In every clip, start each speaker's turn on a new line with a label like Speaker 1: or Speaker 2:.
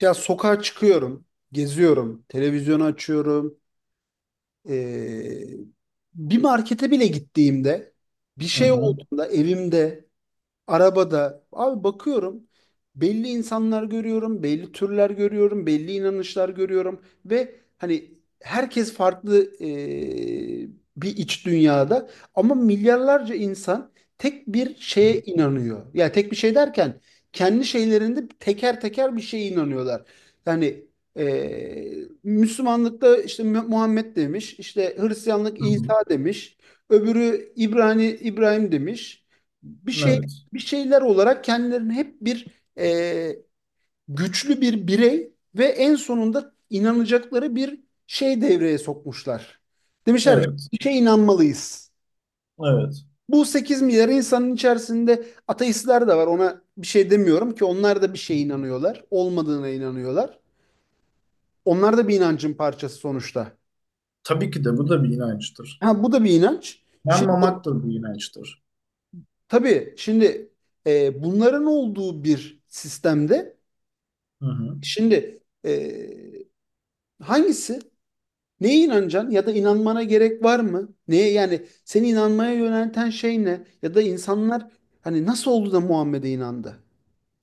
Speaker 1: Ya sokağa çıkıyorum, geziyorum, televizyonu açıyorum. Ee, Bir markete bile gittiğimde, bir
Speaker 2: Hı
Speaker 1: şey
Speaker 2: hı.
Speaker 1: olduğunda evimde, arabada abi bakıyorum, belli insanlar görüyorum, belli türler görüyorum, belli inanışlar görüyorum ve hani herkes farklı, bir iç dünyada, ama milyarlarca insan tek bir şeye inanıyor. Yani tek bir şey derken kendi şeylerinde teker teker bir şeye inanıyorlar. Yani Müslümanlıkta işte Muhammed demiş, işte Hristiyanlık
Speaker 2: Hı hı.
Speaker 1: İsa demiş, öbürü İbrani İbrahim demiş, bir şey
Speaker 2: Evet.
Speaker 1: bir şeyler olarak kendilerini hep bir, e, güçlü bir birey ve en sonunda inanacakları bir şey devreye sokmuşlar. Demişler,
Speaker 2: Evet.
Speaker 1: bir şeye inanmalıyız.
Speaker 2: Evet.
Speaker 1: Bu 8 milyar insanın içerisinde ateistler de var. Ona bir şey demiyorum ki, onlar da bir şeye inanıyorlar. Olmadığına inanıyorlar. Onlar da bir inancın parçası sonuçta.
Speaker 2: Tabii ki de bu da bir inançtır.
Speaker 1: Ha, bu da bir inanç. Şimdi,
Speaker 2: Yanmamak da bir inançtır.
Speaker 1: tabii, şimdi, bunların olduğu bir sistemde,
Speaker 2: Hı hı.
Speaker 1: şimdi, hangisi? Neye inanacaksın, ya da inanmana gerek var mı? Neye, yani seni inanmaya yönelten şey ne? Ya da insanlar hani nasıl oldu da Muhammed'e inandı?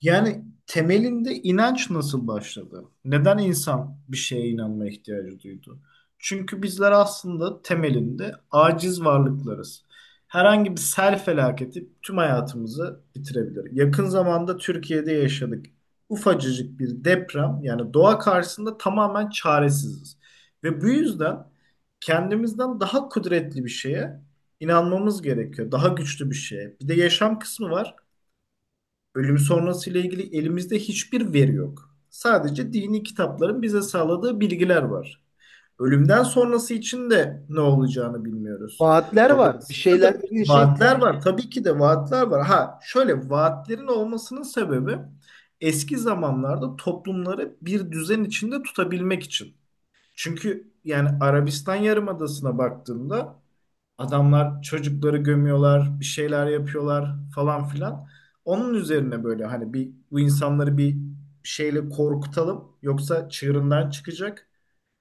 Speaker 2: Yani temelinde inanç nasıl başladı? Neden insan bir şeye inanma ihtiyacı duydu? Çünkü bizler aslında temelinde aciz varlıklarız. Herhangi bir sel felaketi tüm hayatımızı bitirebilir. Yakın zamanda Türkiye'de yaşadık. Ufacıcık bir deprem yani doğa karşısında tamamen çaresiziz. Ve bu yüzden kendimizden daha kudretli bir şeye inanmamız gerekiyor. Daha güçlü bir şeye. Bir de yaşam kısmı var. Ölüm sonrası ile ilgili elimizde hiçbir veri yok. Sadece dini kitapların bize sağladığı bilgiler var. Ölümden sonrası için de ne olacağını bilmiyoruz.
Speaker 1: Vaatler var. Bir
Speaker 2: Dolayısıyla
Speaker 1: şeyler
Speaker 2: da
Speaker 1: dediğin şey
Speaker 2: vaatler var. Tabii ki de vaatler var. Ha şöyle vaatlerin olmasının sebebi eski zamanlarda toplumları bir düzen içinde tutabilmek için. Çünkü yani Arabistan Yarımadası'na baktığında adamlar çocukları gömüyorlar, bir şeyler yapıyorlar falan filan. Onun üzerine böyle hani bir bu insanları bir şeyle korkutalım yoksa çığırından çıkacak.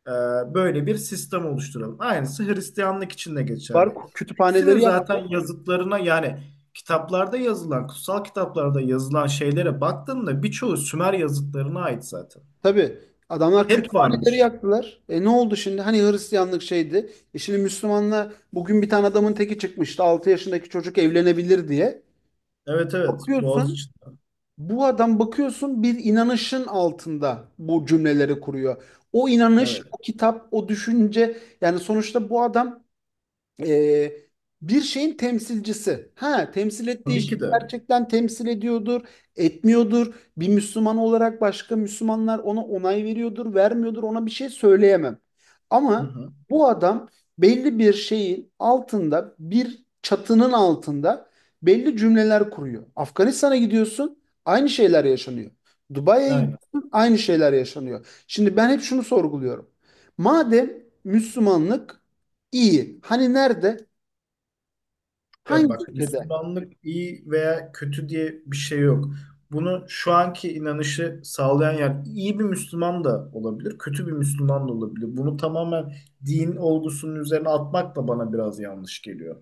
Speaker 2: Ee, Böyle bir sistem oluşturalım. Aynısı Hristiyanlık için de geçerli.
Speaker 1: var.
Speaker 2: Hepsinin
Speaker 1: Kütüphaneleri yaktı.
Speaker 2: zaten yazıtlarına yani kitaplarda yazılan, kutsal kitaplarda yazılan şeylere baktığında birçoğu Sümer yazıtlarına ait zaten.
Speaker 1: Tabii, adamlar
Speaker 2: Hep
Speaker 1: kütüphaneleri
Speaker 2: varmış.
Speaker 1: yaktılar. E, ne oldu şimdi? Hani Hristiyanlık şeydi. E şimdi Müslümanla bugün bir tane adamın teki çıkmıştı. 6 yaşındaki çocuk evlenebilir diye.
Speaker 2: Evet evet,
Speaker 1: Bakıyorsun
Speaker 2: Boğaziçi.
Speaker 1: Bu adam bakıyorsun bir inanışın altında bu cümleleri kuruyor. O inanış,
Speaker 2: Evet.
Speaker 1: o kitap, o düşünce, yani sonuçta bu adam e, bir şeyin temsilcisi. Ha, temsil ettiği
Speaker 2: Tabii
Speaker 1: şey
Speaker 2: ki de.
Speaker 1: gerçekten temsil ediyordur, etmiyordur. Bir Müslüman olarak başka Müslümanlar ona onay veriyordur, vermiyordur. Ona bir şey söyleyemem.
Speaker 2: Hı
Speaker 1: Ama
Speaker 2: hı.
Speaker 1: bu adam belli bir şeyin altında, bir çatının altında belli cümleler kuruyor. Afganistan'a gidiyorsun, aynı şeyler yaşanıyor. Dubai'ye
Speaker 2: Aynen.
Speaker 1: gidiyorsun, aynı şeyler yaşanıyor. Şimdi ben hep şunu sorguluyorum. Madem Müslümanlık. İyi. Hani nerede?
Speaker 2: Ya
Speaker 1: Hangi
Speaker 2: bak,
Speaker 1: ülkede?
Speaker 2: Müslümanlık iyi veya kötü diye bir şey yok. Bunu şu anki inanışı sağlayan yani iyi bir Müslüman da olabilir, kötü bir Müslüman da olabilir. Bunu tamamen din olgusunun üzerine atmak da bana biraz yanlış geliyor.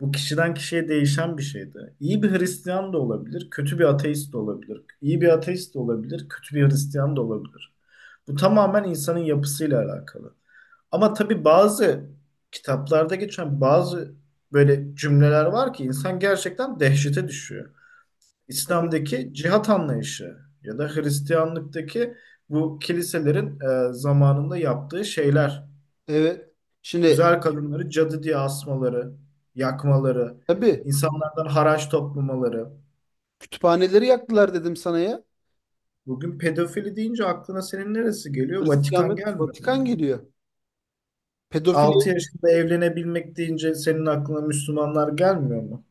Speaker 2: Bu kişiden kişiye değişen bir şeydi. İyi bir Hristiyan da olabilir, kötü bir ateist de olabilir. İyi bir ateist de olabilir, kötü bir Hristiyan da olabilir. Bu tamamen insanın yapısıyla alakalı. Ama tabii bazı kitaplarda geçen bazı böyle cümleler var ki insan gerçekten dehşete düşüyor.
Speaker 1: Tabii.
Speaker 2: İslam'daki cihat anlayışı ya da Hristiyanlıktaki bu kiliselerin zamanında yaptığı şeyler.
Speaker 1: Evet. Şimdi,
Speaker 2: Güzel kadınları cadı diye asmaları, yakmaları,
Speaker 1: tabii,
Speaker 2: insanlardan haraç toplamaları.
Speaker 1: kütüphaneleri yaktılar dedim sana ya.
Speaker 2: Bugün pedofili deyince aklına senin neresi geliyor? Vatikan
Speaker 1: Hristiyanlık,
Speaker 2: gelmiyor
Speaker 1: Vatikan
Speaker 2: mu?
Speaker 1: geliyor.
Speaker 2: 6
Speaker 1: Pedofili.
Speaker 2: yaşında evlenebilmek deyince senin aklına Müslümanlar gelmiyor mu?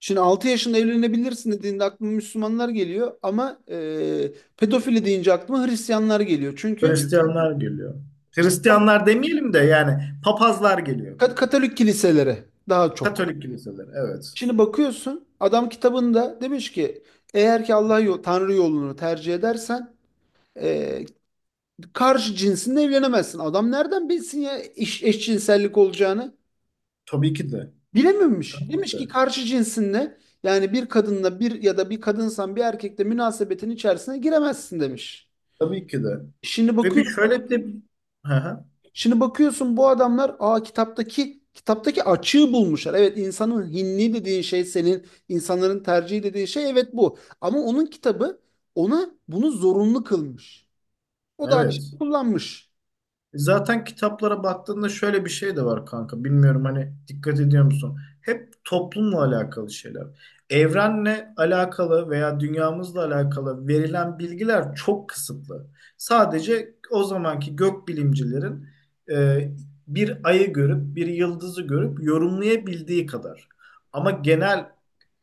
Speaker 1: Şimdi 6 yaşında evlenebilirsin dediğinde aklıma Müslümanlar geliyor, ama pedofili deyince aklıma Hristiyanlar geliyor. Çünkü
Speaker 2: Hristiyanlar geliyor. Hristiyanlar demeyelim de yani papazlar geliyor.
Speaker 1: Katolik kiliselere daha çok.
Speaker 2: Katolik kiliseler, evet.
Speaker 1: Şimdi bakıyorsun, adam kitabında demiş ki, eğer ki Allah yol, Tanrı yolunu tercih edersen, e, karşı cinsinle evlenemezsin. Adam nereden bilsin ya eşcinsellik olacağını?
Speaker 2: Tabii ki de.
Speaker 1: Bilememiş.
Speaker 2: Tabii ki
Speaker 1: Demiş ki
Speaker 2: de.
Speaker 1: karşı cinsinle, yani bir kadınla bir, ya da bir kadınsan bir erkekle münasebetin içerisine giremezsin demiş.
Speaker 2: Tabii ki de.
Speaker 1: Şimdi
Speaker 2: Ve bir
Speaker 1: bakıyorsun,
Speaker 2: şöyle bir de... Hı hı.
Speaker 1: şimdi bakıyorsun bu adamlar, aa, kitaptaki açığı bulmuşlar. Evet, insanın hinni dediğin şey, senin insanların tercihi dediğin şey, evet, bu. Ama onun kitabı ona bunu zorunlu kılmış. O da açığı
Speaker 2: Evet.
Speaker 1: kullanmış.
Speaker 2: Zaten kitaplara baktığında şöyle bir şey de var kanka. Bilmiyorum hani, dikkat ediyor musun? Hep toplumla alakalı şeyler. Evrenle alakalı veya dünyamızla alakalı verilen bilgiler çok kısıtlı. Sadece o zamanki gökbilimcilerin e, bir ayı görüp bir yıldızı görüp yorumlayabildiği kadar. Ama genel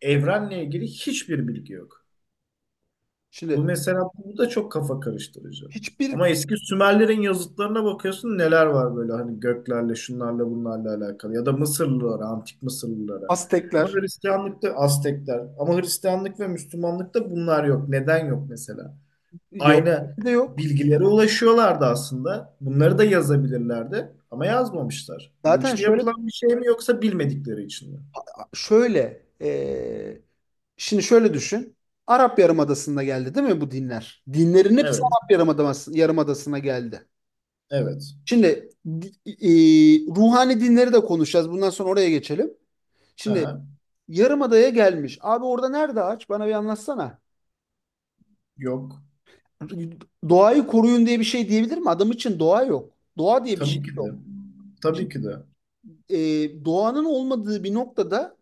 Speaker 2: evrenle ilgili hiçbir bilgi yok. Bu
Speaker 1: Şimdi
Speaker 2: mesela, bu da çok kafa karıştırıcı.
Speaker 1: hiçbir
Speaker 2: Ama eski Sümerlerin yazıtlarına bakıyorsun, neler var böyle hani göklerle şunlarla bunlarla alakalı, ya da Mısırlılara, antik Mısırlılara. Ama
Speaker 1: Aztekler,
Speaker 2: Hristiyanlıkta Aztekler, ama Hristiyanlık ve Müslümanlıkta bunlar yok. Neden yok mesela?
Speaker 1: Yahudi
Speaker 2: Aynı
Speaker 1: de yok.
Speaker 2: bilgilere ulaşıyorlardı aslında. Bunları da yazabilirlerdi ama yazmamışlar.
Speaker 1: Zaten
Speaker 2: Bilinçli
Speaker 1: şöyle
Speaker 2: yapılan bir şey mi yoksa bilmedikleri için mi?
Speaker 1: şöyle şimdi şöyle düşün. Arap Yarımadası'nda geldi değil mi bu dinler? Dinlerin hepsi
Speaker 2: Evet,
Speaker 1: Arap Yarımadası'na geldi.
Speaker 2: evet.
Speaker 1: Şimdi ruhani dinleri de konuşacağız. Bundan sonra oraya geçelim. Şimdi
Speaker 2: Aha,
Speaker 1: Yarımada'ya gelmiş. Abi orada nerede ağaç? Bana bir anlatsana.
Speaker 2: yok.
Speaker 1: Doğayı koruyun diye bir şey diyebilir mi? Adam için doğa yok. Doğa diye bir
Speaker 2: Tabii
Speaker 1: şey
Speaker 2: ki
Speaker 1: yok.
Speaker 2: de. Tabii
Speaker 1: Şimdi,
Speaker 2: ki de.
Speaker 1: doğanın olmadığı bir noktada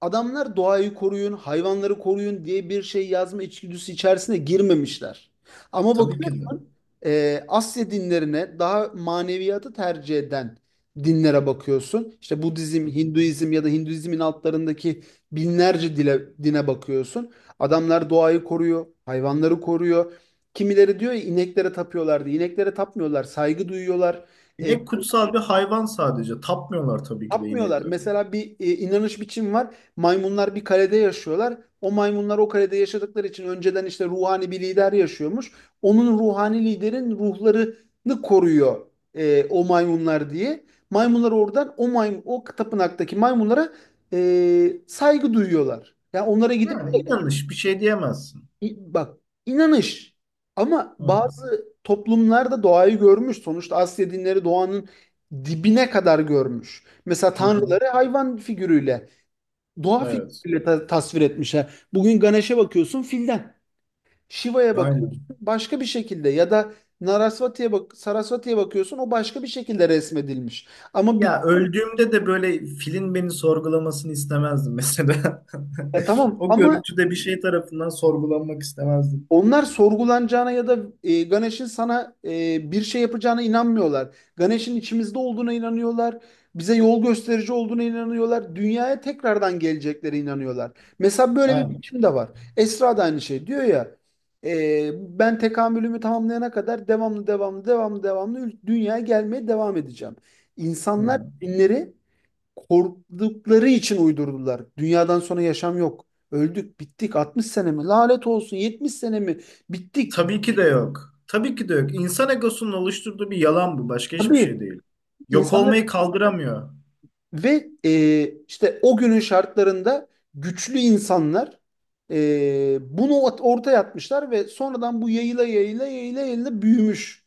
Speaker 1: adamlar doğayı koruyun, hayvanları koruyun diye bir şey yazma içgüdüsü içerisine girmemişler. Ama
Speaker 2: Tabii ki de. Hı
Speaker 1: bakıyorsun Asya dinlerine, daha maneviyatı tercih eden dinlere bakıyorsun. İşte Budizm,
Speaker 2: hı.
Speaker 1: Hinduizm, ya da Hinduizmin altlarındaki binlerce dile, dine bakıyorsun. Adamlar doğayı koruyor, hayvanları koruyor. Kimileri diyor ya, ineklere tapıyorlardı. İneklere tapmıyorlar, saygı duyuyorlar. E,
Speaker 2: İnek kutsal bir hayvan sadece. Tapmıyorlar tabii ki de
Speaker 1: yapmıyorlar.
Speaker 2: inekleri.
Speaker 1: Mesela bir inanış biçim var. Maymunlar bir kalede yaşıyorlar. O maymunlar o kalede yaşadıkları için, önceden işte ruhani bir lider yaşıyormuş. Onun ruhani liderin ruhlarını koruyor o maymunlar diye. Maymunlar oradan, o maymun, o tapınaktaki maymunlara saygı duyuyorlar. Yani onlara gidip
Speaker 2: Yani inanış, bir şey diyemezsin.
Speaker 1: Bak, inanış ama
Speaker 2: Hı hı.
Speaker 1: bazı toplumlarda doğayı görmüş. Sonuçta Asya dinleri doğanın dibine kadar görmüş. Mesela
Speaker 2: Hı hı.
Speaker 1: tanrıları hayvan figürüyle, doğa
Speaker 2: Evet.
Speaker 1: figürüyle tasvir etmişler. Bugün Ganesh'e bakıyorsun filden. Shiva'ya bakıyorsun
Speaker 2: Aynen.
Speaker 1: başka bir şekilde, ya da Narasvati'ye bak, Sarasvati'ye bakıyorsun, o başka bir şekilde resmedilmiş. Ama bir,
Speaker 2: Ya öldüğümde de böyle filin beni sorgulamasını istemezdim mesela.
Speaker 1: ya tamam
Speaker 2: O
Speaker 1: ama
Speaker 2: görüntüde bir şey tarafından sorgulanmak istemezdim.
Speaker 1: onlar sorgulanacağına ya da Ganesh'in sana bir şey yapacağına inanmıyorlar. Ganesh'in içimizde olduğuna inanıyorlar. Bize yol gösterici olduğuna inanıyorlar. Dünyaya tekrardan geleceklere inanıyorlar. Mesela böyle bir
Speaker 2: Aynen.
Speaker 1: biçim de var. Esra da aynı şey diyor ya. Ben tekamülümü tamamlayana kadar devamlı devamlı devamlı devamlı dünyaya gelmeye devam edeceğim.
Speaker 2: Hı
Speaker 1: İnsanlar
Speaker 2: hı.
Speaker 1: dinleri korktukları için uydurdular. Dünyadan sonra yaşam yok. Öldük, bittik. 60 sene mi? Lanet olsun. 70 sene mi? Bittik.
Speaker 2: Tabii ki de yok. Tabii ki de yok. İnsan egosunun oluşturduğu bir yalan bu. Başka hiçbir şey
Speaker 1: Tabii.
Speaker 2: değil. Yok
Speaker 1: İnsanlar
Speaker 2: olmayı kaldıramıyor.
Speaker 1: ve işte o günün şartlarında güçlü insanlar bunu ortaya atmışlar ve sonradan bu yayıla yayıla yayıla yayıla büyümüş.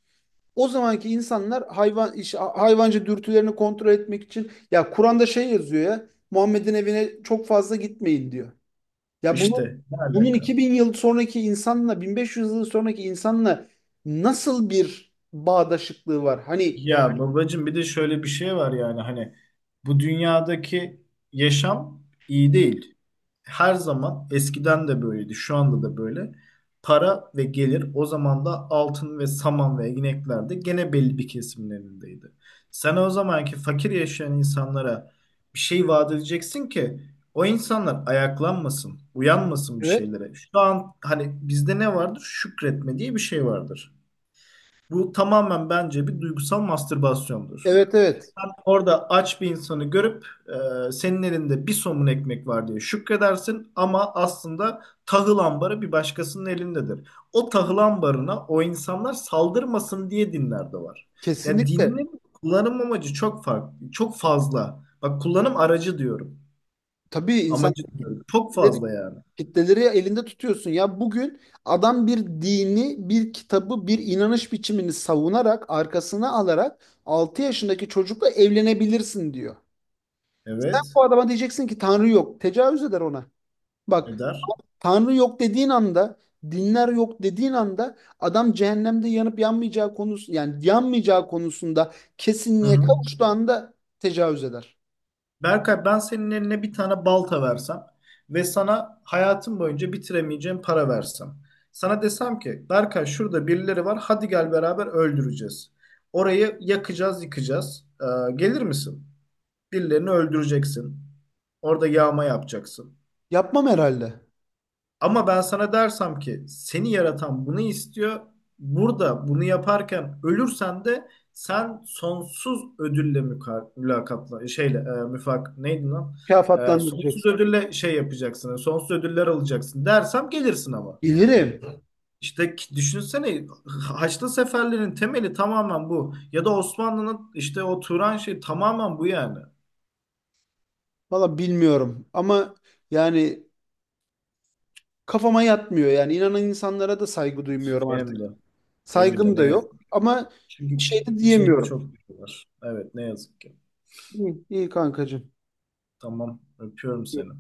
Speaker 1: O zamanki insanlar hayvancı dürtülerini kontrol etmek için, ya Kur'an'da şey yazıyor, ya Muhammed'in evine çok fazla gitmeyin diyor. Ya bunu
Speaker 2: İşte ne
Speaker 1: bunun
Speaker 2: alaka?
Speaker 1: 2000 yıl sonraki insanla, 1500 yıl sonraki insanla nasıl bir bağdaşıklığı var? Hani,
Speaker 2: Ya babacığım, bir de şöyle bir şey var yani hani bu dünyadaki yaşam iyi değil. Her zaman eskiden de böyleydi, şu anda da böyle. Para ve gelir o zaman da altın ve saman ve ineklerde, gene belli bir kesimin elindeydi. Sen o zamanki fakir yaşayan insanlara bir şey vaat edeceksin ki o insanlar ayaklanmasın, uyanmasın bir
Speaker 1: evet,
Speaker 2: şeylere. Şu an hani bizde ne vardır? Şükretme diye bir şey vardır. Bu tamamen bence bir duygusal mastürbasyondur.
Speaker 1: evet, evet,
Speaker 2: Sen orada aç bir insanı görüp senin elinde bir somun ekmek var diye şükredersin ama aslında tahıl ambarı bir başkasının elindedir. O tahıl ambarına o insanlar saldırmasın diye dinler de var. Ya,
Speaker 1: kesinlikle.
Speaker 2: dinin kullanım amacı çok farklı, çok fazla. Bak, kullanım aracı diyorum.
Speaker 1: Tabii, insan
Speaker 2: Amacı diyorum. Çok
Speaker 1: kitleleri,
Speaker 2: fazla yani.
Speaker 1: kitleleri elinde tutuyorsun. Ya bugün adam bir dini, bir kitabı, bir inanış biçimini savunarak, arkasına alarak 6 yaşındaki çocukla evlenebilirsin diyor. Sen
Speaker 2: Evet.
Speaker 1: bu adama diyeceksin ki Tanrı yok. Tecavüz eder ona. Bak,
Speaker 2: Eder.
Speaker 1: Tanrı yok dediğin anda, dinler yok dediğin anda, adam cehennemde yanıp yanmayacağı konusu, yani yanmayacağı konusunda
Speaker 2: Hı
Speaker 1: kesinliğe
Speaker 2: hı.
Speaker 1: kavuştuğu anda tecavüz eder.
Speaker 2: Berkay, ben senin eline bir tane balta versem ve sana hayatım boyunca bitiremeyeceğim para versem. Sana desem ki Berkay, şurada birileri var, hadi gel beraber öldüreceğiz. Orayı yakacağız, yıkacağız. Gelir misin? Birilerini öldüreceksin. Orada yağma yapacaksın.
Speaker 1: Yapmam herhalde.
Speaker 2: Ama ben sana dersem ki seni yaratan bunu istiyor. Burada bunu yaparken ölürsen de sen sonsuz ödülle mülakatla şeyle müfak neydi lan? Sonsuz
Speaker 1: Mükafatlandıracaksın.
Speaker 2: ödülle şey yapacaksın. Sonsuz ödüller alacaksın dersem gelirsin ama.
Speaker 1: Bilirim.
Speaker 2: İşte düşünsene, Haçlı seferlerin temeli tamamen bu. Ya da Osmanlı'nın işte o Turan şey, tamamen bu yani.
Speaker 1: Valla bilmiyorum ama, yani kafama yatmıyor. Yani inanan insanlara da saygı duymuyorum
Speaker 2: Benim
Speaker 1: artık.
Speaker 2: de. Benim de
Speaker 1: Saygım
Speaker 2: ne
Speaker 1: da
Speaker 2: yazık
Speaker 1: yok
Speaker 2: ki.
Speaker 1: ama
Speaker 2: Çünkü
Speaker 1: bir şey de
Speaker 2: içimizde
Speaker 1: diyemiyorum.
Speaker 2: çok bir şey var. Evet, ne yazık ki.
Speaker 1: İyi, iyi kankacığım.
Speaker 2: Tamam. Öpüyorum seni.